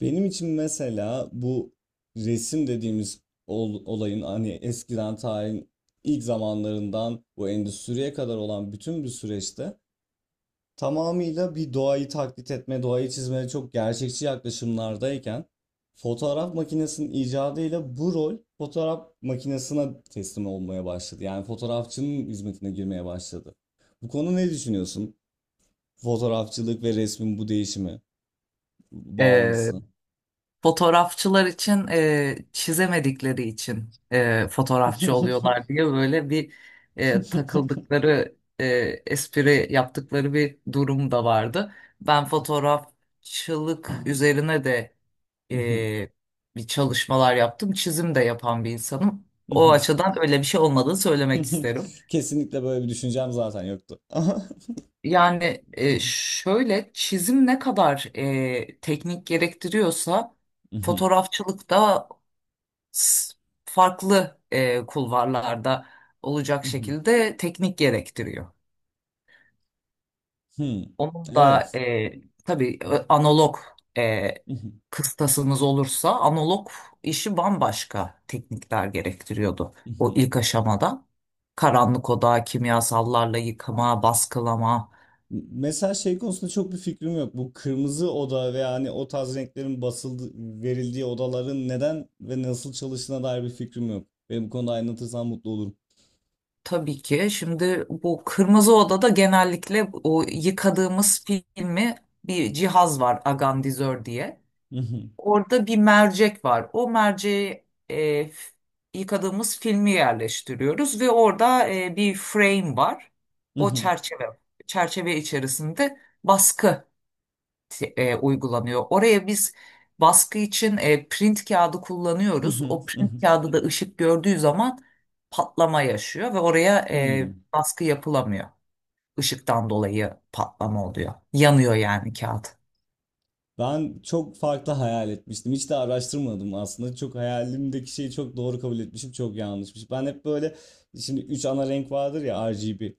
Benim için mesela bu resim dediğimiz olayın hani eskiden tarihin ilk zamanlarından bu endüstriye kadar olan bütün bir süreçte tamamıyla bir doğayı taklit etme, doğayı çizmeye çok gerçekçi yaklaşımlardayken fotoğraf makinesinin icadıyla bu rol fotoğraf makinesine teslim olmaya başladı. Yani fotoğrafçının hizmetine girmeye başladı. Bu konu ne düşünüyorsun? Fotoğrafçılık ve resmin bu değişimi, E, bağlantısı. Fotoğrafçılar için çizemedikleri için fotoğrafçı oluyorlar diye böyle bir takıldıkları espri yaptıkları bir durum da vardı. Ben fotoğrafçılık üzerine de e, bir çalışmalar yaptım. Çizim de yapan bir insanım. O açıdan öyle bir şey olmadığını söylemek isterim. Kesinlikle böyle bir düşüncem zaten yoktu. Yani şöyle çizim ne kadar teknik gerektiriyorsa fotoğrafçılıkta s- farklı kulvarlarda olacak şekilde teknik gerektiriyor. Onun da Evet. Tabii analog e, kıstasınız olursa analog işi bambaşka teknikler gerektiriyordu. O ilk aşamada karanlık oda, kimyasallarla yıkama, baskılama. Mesela şey konusunda çok bir fikrim yok. Bu kırmızı oda ve hani o tarz renklerin basıldı, verildiği odaların neden ve nasıl çalıştığına dair bir fikrim yok. Beni bu konuda aydınlatırsan mutlu olurum. Tabii ki şimdi bu kırmızı odada genellikle o yıkadığımız filmi bir cihaz var agandizör diye. Orada bir mercek var. O merceği yıkadığımız filmi yerleştiriyoruz ve orada bir frame var. O çerçeve içerisinde baskı uygulanıyor. Oraya biz baskı için print kağıdı kullanıyoruz. O print kağıdı da ışık gördüğü zaman patlama yaşıyor ve oraya baskı yapılamıyor. Işıktan dolayı patlama oluyor. Yanıyor yani kağıt. Ben çok farklı hayal etmiştim. Hiç de araştırmadım aslında. Çok hayalimdeki şeyi çok doğru kabul etmişim, çok yanlışmış. Ben hep böyle şimdi 3 ana renk vardır ya RGB.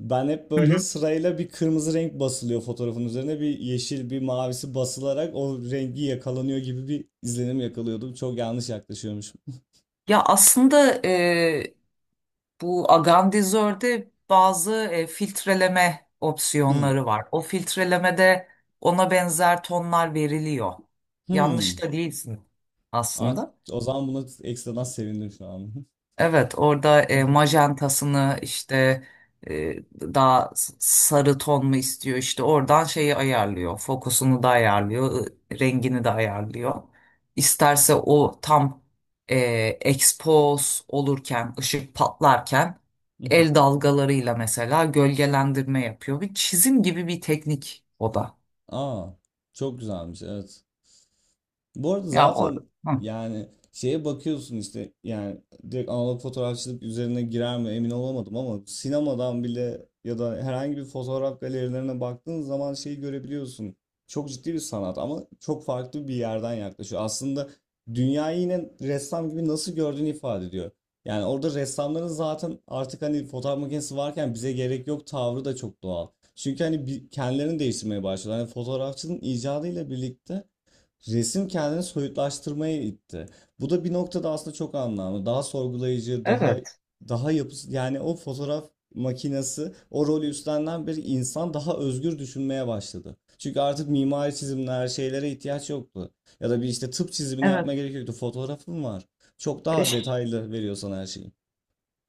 Ben hep Hı böyle hı. sırayla bir kırmızı renk basılıyor fotoğrafın üzerine bir yeşil bir mavisi basılarak o rengi yakalanıyor gibi bir izlenim yakalıyordum. Çok yanlış yaklaşıyormuşum. Ya aslında bu agandizörde bazı filtreleme Hmm. opsiyonları var. O filtrelemede ona benzer tonlar veriliyor. Yanlış Hmm. da değilsin Aa, aslında. o zaman buna ekstradan sevindim şu an. Evet, orada majantasını işte, daha sarı ton mu istiyor işte oradan şeyi ayarlıyor. Fokusunu da ayarlıyor, rengini de ayarlıyor. İsterse o tam e, expose olurken, ışık patlarken el dalgalarıyla mesela gölgelendirme yapıyor. Bir çizim gibi bir teknik o da. Aa, çok güzelmiş evet. Bu arada Ya o, zaten Hı, yani şeye bakıyorsun işte yani direkt analog fotoğrafçılık üzerine girer mi emin olamadım ama sinemadan bile ya da herhangi bir fotoğraf galerilerine baktığın zaman şeyi görebiliyorsun. Çok ciddi bir sanat ama çok farklı bir yerden yaklaşıyor. Aslında dünyayı yine ressam gibi nasıl gördüğünü ifade ediyor. Yani orada ressamların zaten artık hani fotoğraf makinesi varken bize gerek yok tavrı da çok doğal. Çünkü hani kendilerini değiştirmeye başlıyorlar. Hani fotoğrafçının icadıyla birlikte resim kendini soyutlaştırmaya itti. Bu da bir noktada aslında çok anlamlı. Daha sorgulayıcı, daha evet. daha yapısı yani o fotoğraf makinesi o rolü üstlenen bir insan daha özgür düşünmeye başladı. Çünkü artık mimari çizimler, şeylere ihtiyaç yoktu. Ya da bir işte tıp çizimini yapmaya Evet. gerek yoktu. Fotoğrafın var. Çok daha detaylı veriyor sana her şeyi.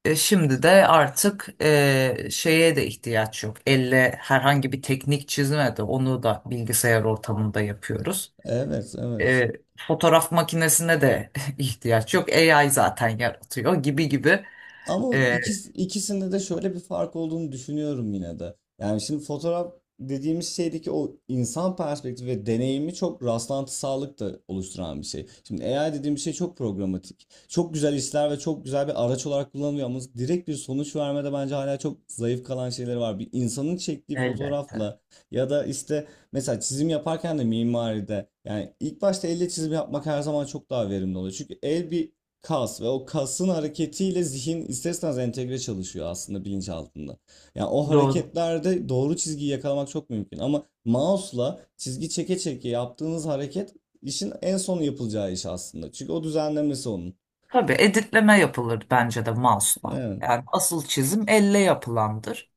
Şimdi de artık şeye de ihtiyaç yok. Elle herhangi bir teknik çizme de onu da bilgisayar ortamında yapıyoruz. Evet, evet. Fotoğraf makinesine de ihtiyaç yok. AI zaten yaratıyor gibi gibi. Ama E, ikisinde de şöyle bir fark olduğunu düşünüyorum yine de. Yani şimdi fotoğraf dediğimiz şeydeki o insan perspektifi ve deneyimi çok rastlantısallık da oluşturan bir şey. Şimdi AI dediğim şey çok programatik. Çok güzel işler ve çok güzel bir araç olarak kullanılıyor ama direkt bir sonuç vermede bence hala çok zayıf kalan şeyleri var. Bir insanın çektiği Elbette. fotoğrafla ya da işte mesela çizim yaparken de mimaride yani ilk başta elle çizim yapmak her zaman çok daha verimli oluyor. Çünkü el bir kas ve o kasın hareketiyle zihin isterseniz entegre çalışıyor aslında bilinçaltında. Yani o Doğru. hareketlerde doğru çizgiyi yakalamak çok mümkün ama mouse'la çizgi çeke çeke yaptığınız hareket işin en son yapılacağı iş aslında. Çünkü o düzenlemesi onun. Tabii editleme yapılır bence de mouse'la. Evet. Yani asıl çizim elle yapılandır.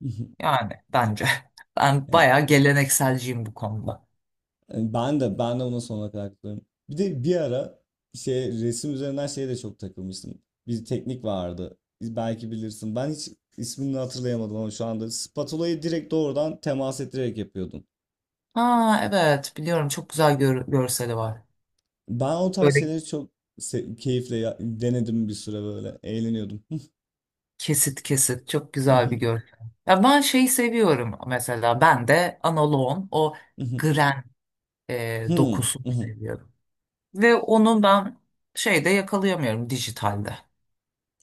Yani bence. Ben Yani bayağı gelenekselciyim bu konuda. hani ben de buna sonuna kadar katılıyorum. Bir de bir ara şey resim üzerinden şeye de çok takılmıştım. Bir teknik vardı. Belki bilirsin. Ben hiç ismini hatırlayamadım ama şu anda spatulayı direkt doğrudan temas ettirerek yapıyordum. Ha evet biliyorum çok güzel görseli var. Ben o tarz Böyle. şeyleri çok keyifle denedim bir süre böyle. Eğleniyordum. Kesit kesit çok güzel bir görsel. Ya ben şeyi seviyorum mesela, ben de analoğun o gren dokusunu seviyorum. Ve onu ben şeyde yakalayamıyorum, dijitalde.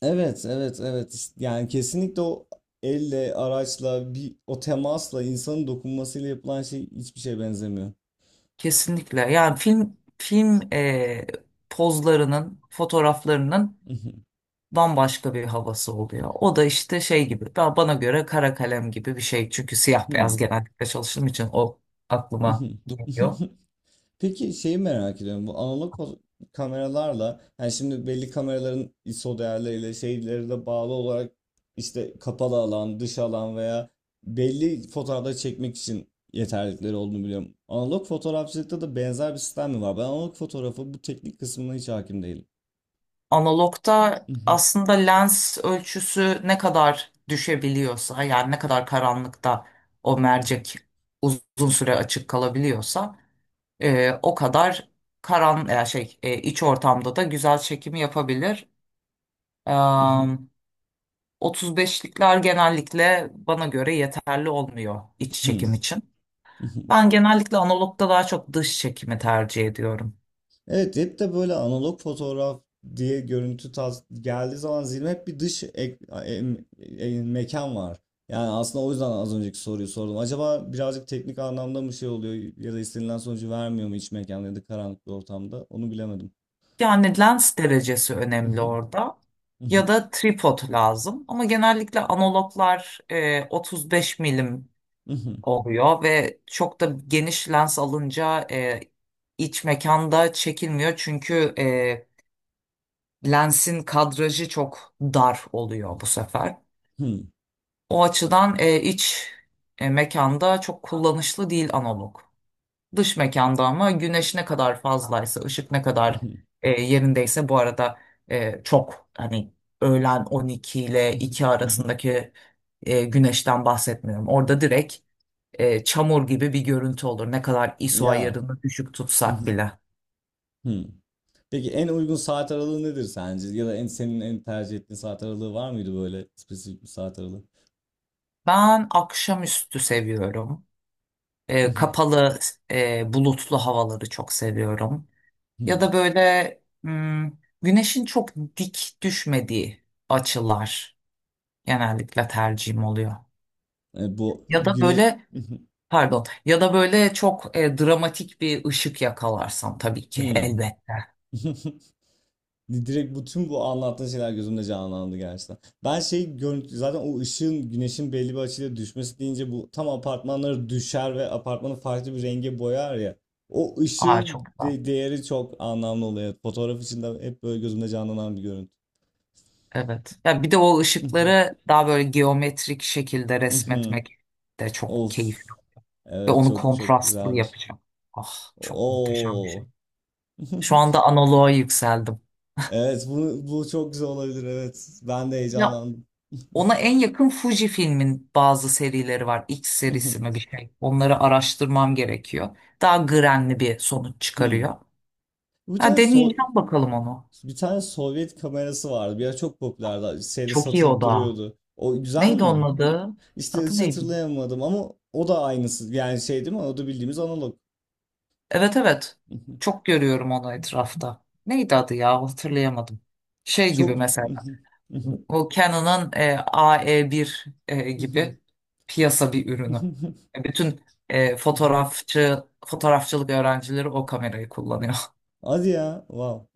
Evet, evet, evet. İşte yani kesinlikle o elle, araçla, bir o temasla, insanın dokunmasıyla yapılan şey hiçbir şeye benzemiyor. Kesinlikle, yani film pozlarının, fotoğraflarının bambaşka bir havası oluyor. O da işte şey gibi, ben bana göre kara kalem gibi bir şey. Çünkü siyah beyaz genellikle çalıştığım için o aklıma geliyor. Peki şeyi merak ediyorum. Bu analog kameralarla yani şimdi belli kameraların ISO değerleriyle şeyleri de bağlı olarak işte kapalı alan, dış alan veya belli fotoğrafları çekmek için yeterlilikleri olduğunu biliyorum. Analog fotoğrafçılıkta da benzer bir sistem mi var? Ben analog fotoğrafı bu teknik kısmına hiç hakim değilim. Analogta aslında lens ölçüsü ne kadar düşebiliyorsa, yani ne kadar karanlıkta o mercek uzun süre açık kalabiliyorsa o kadar karan ya şey e, iç ortamda da güzel çekimi yapabilir. Eee 35'likler genellikle bana göre yeterli olmuyor iç çekim için. Ben genellikle analogda daha çok dış çekimi tercih ediyorum. Evet hep de böyle analog fotoğraf diye görüntü tas geldiği zaman zihnime hep bir dış ek- em- em- e, mekan var. Yani aslında o yüzden az önceki soruyu sordum. Acaba birazcık teknik anlamda mı şey oluyor ya da istenilen sonucu vermiyor mu iç mekan ya da karanlık bir ortamda? Onu bilemedim. Yani lens derecesi önemli orada. Ya da tripod lazım. Ama genellikle analoglar 35 milim oluyor ve çok da geniş lens alınca iç mekanda çekilmiyor. Çünkü lensin kadrajı çok dar oluyor bu sefer. O açıdan mekanda çok kullanışlı değil analog. Dış mekanda ama güneş ne kadar fazlaysa, ışık ne kadar yerindeyse, bu arada çok hani öğlen 12 ile 2 arasındaki güneşten bahsetmiyorum. Orada direkt çamur gibi bir görüntü olur, ne kadar ISO Ya. ayarını düşük tutsak bile. Peki en uygun saat aralığı nedir sence? Ya da en senin en tercih ettiğin saat aralığı var mıydı böyle spesifik bir saat aralığı? Ben akşamüstü seviyorum. Kapalı, bulutlu havaları çok seviyorum. Ya da böyle güneşin çok dik düşmediği açılar genellikle tercihim oluyor. Bu Ya da güne böyle, pardon, ya da böyle çok dramatik bir ışık yakalarsam tabii ki Hımm. elbette. Direkt bütün bu anlattığın şeyler gözümde canlandı gerçekten. Ben şey görüntü zaten o ışığın güneşin belli bir açıyla düşmesi deyince bu tam apartmanları düşer ve apartmanı farklı bir renge boyar ya. O Aa ışığın çok da. Değeri çok anlamlı oluyor. Fotoğraf içinde hep böyle gözümde canlanan bir görüntü. Evet. Ya bir de o ışıkları daha böyle geometrik şekilde resmetmek de çok keyif. Of. Ve Evet onu çok çok kontrastlı güzeldir. yapacağım. Ah çok muhteşem bir şey. Oo. Şu anda analoğa yükseldim. Evet bu çok güzel olabilir evet. Ben de Ya, heyecanlandım. ona en yakın Fuji filmin bazı serileri var. X serisi mi bir şey. Onları araştırmam gerekiyor. Daha grenli bir sonuç Hmm. çıkarıyor. Bir Ha, tane So- deneyeceğim bakalım onu. Bir tane Sovyet kamerası vardı. Bir ara çok popülerdi. Şeyde Çok iyi satılıp o da. duruyordu. O güzel Neydi onun mi? adı? İşte Adı hiç neydi? hatırlayamadım ama o da aynısı. Yani şey değil mi? O da bildiğimiz analog. Evet evet. Çok görüyorum onu etrafta. Neydi adı ya? Hatırlayamadım. Şey gibi Çok mesela. O Canon'ın AE1 gibi piyasa bir ürünü. Bütün fotoğrafçılık öğrencileri o kamerayı kullanıyor. Hadi ya. Wow.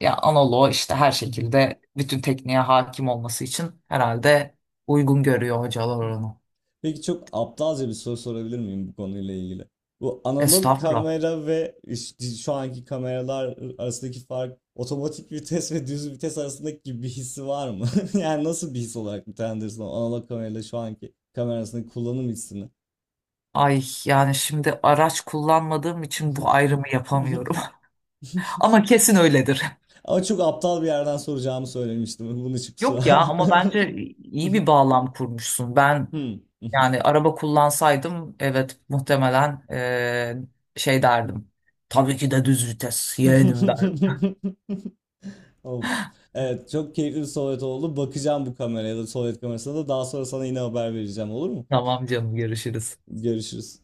Ya analoğu işte her şekilde bütün tekniğe hakim olması için herhalde uygun görüyor hocalar onu. Peki çok aptalca bir soru sorabilir miyim bu konuyla ilgili? Bu analog Estağfurullah. kamera ve işte şu anki kameralar arasındaki fark otomatik vites ve düz vites arasındaki bir hissi var mı? Yani nasıl bir his olarak nitelendirirsin o analog kamerayla şu anki kamera arasındaki kullanım hissini? Ay yani şimdi araç kullanmadığım için bu ayrımı yapamıyorum. Ama kesin öyledir. Ama çok aptal bir yerden soracağımı söylemiştim. Bunun için kusura Yok ya, bakma. ama bence iyi bir bağlam kurmuşsun. Ben, Hmm. yani araba kullansaydım evet muhtemelen şey derdim. Tabii ki de düz vites yeğenim derdim. Of. Evet çok keyifli bir sohbet oldu. Bakacağım bu kameraya da sohbet kamerasına da daha sonra sana yine haber vereceğim olur mu? Tamam canım, görüşürüz. Görüşürüz.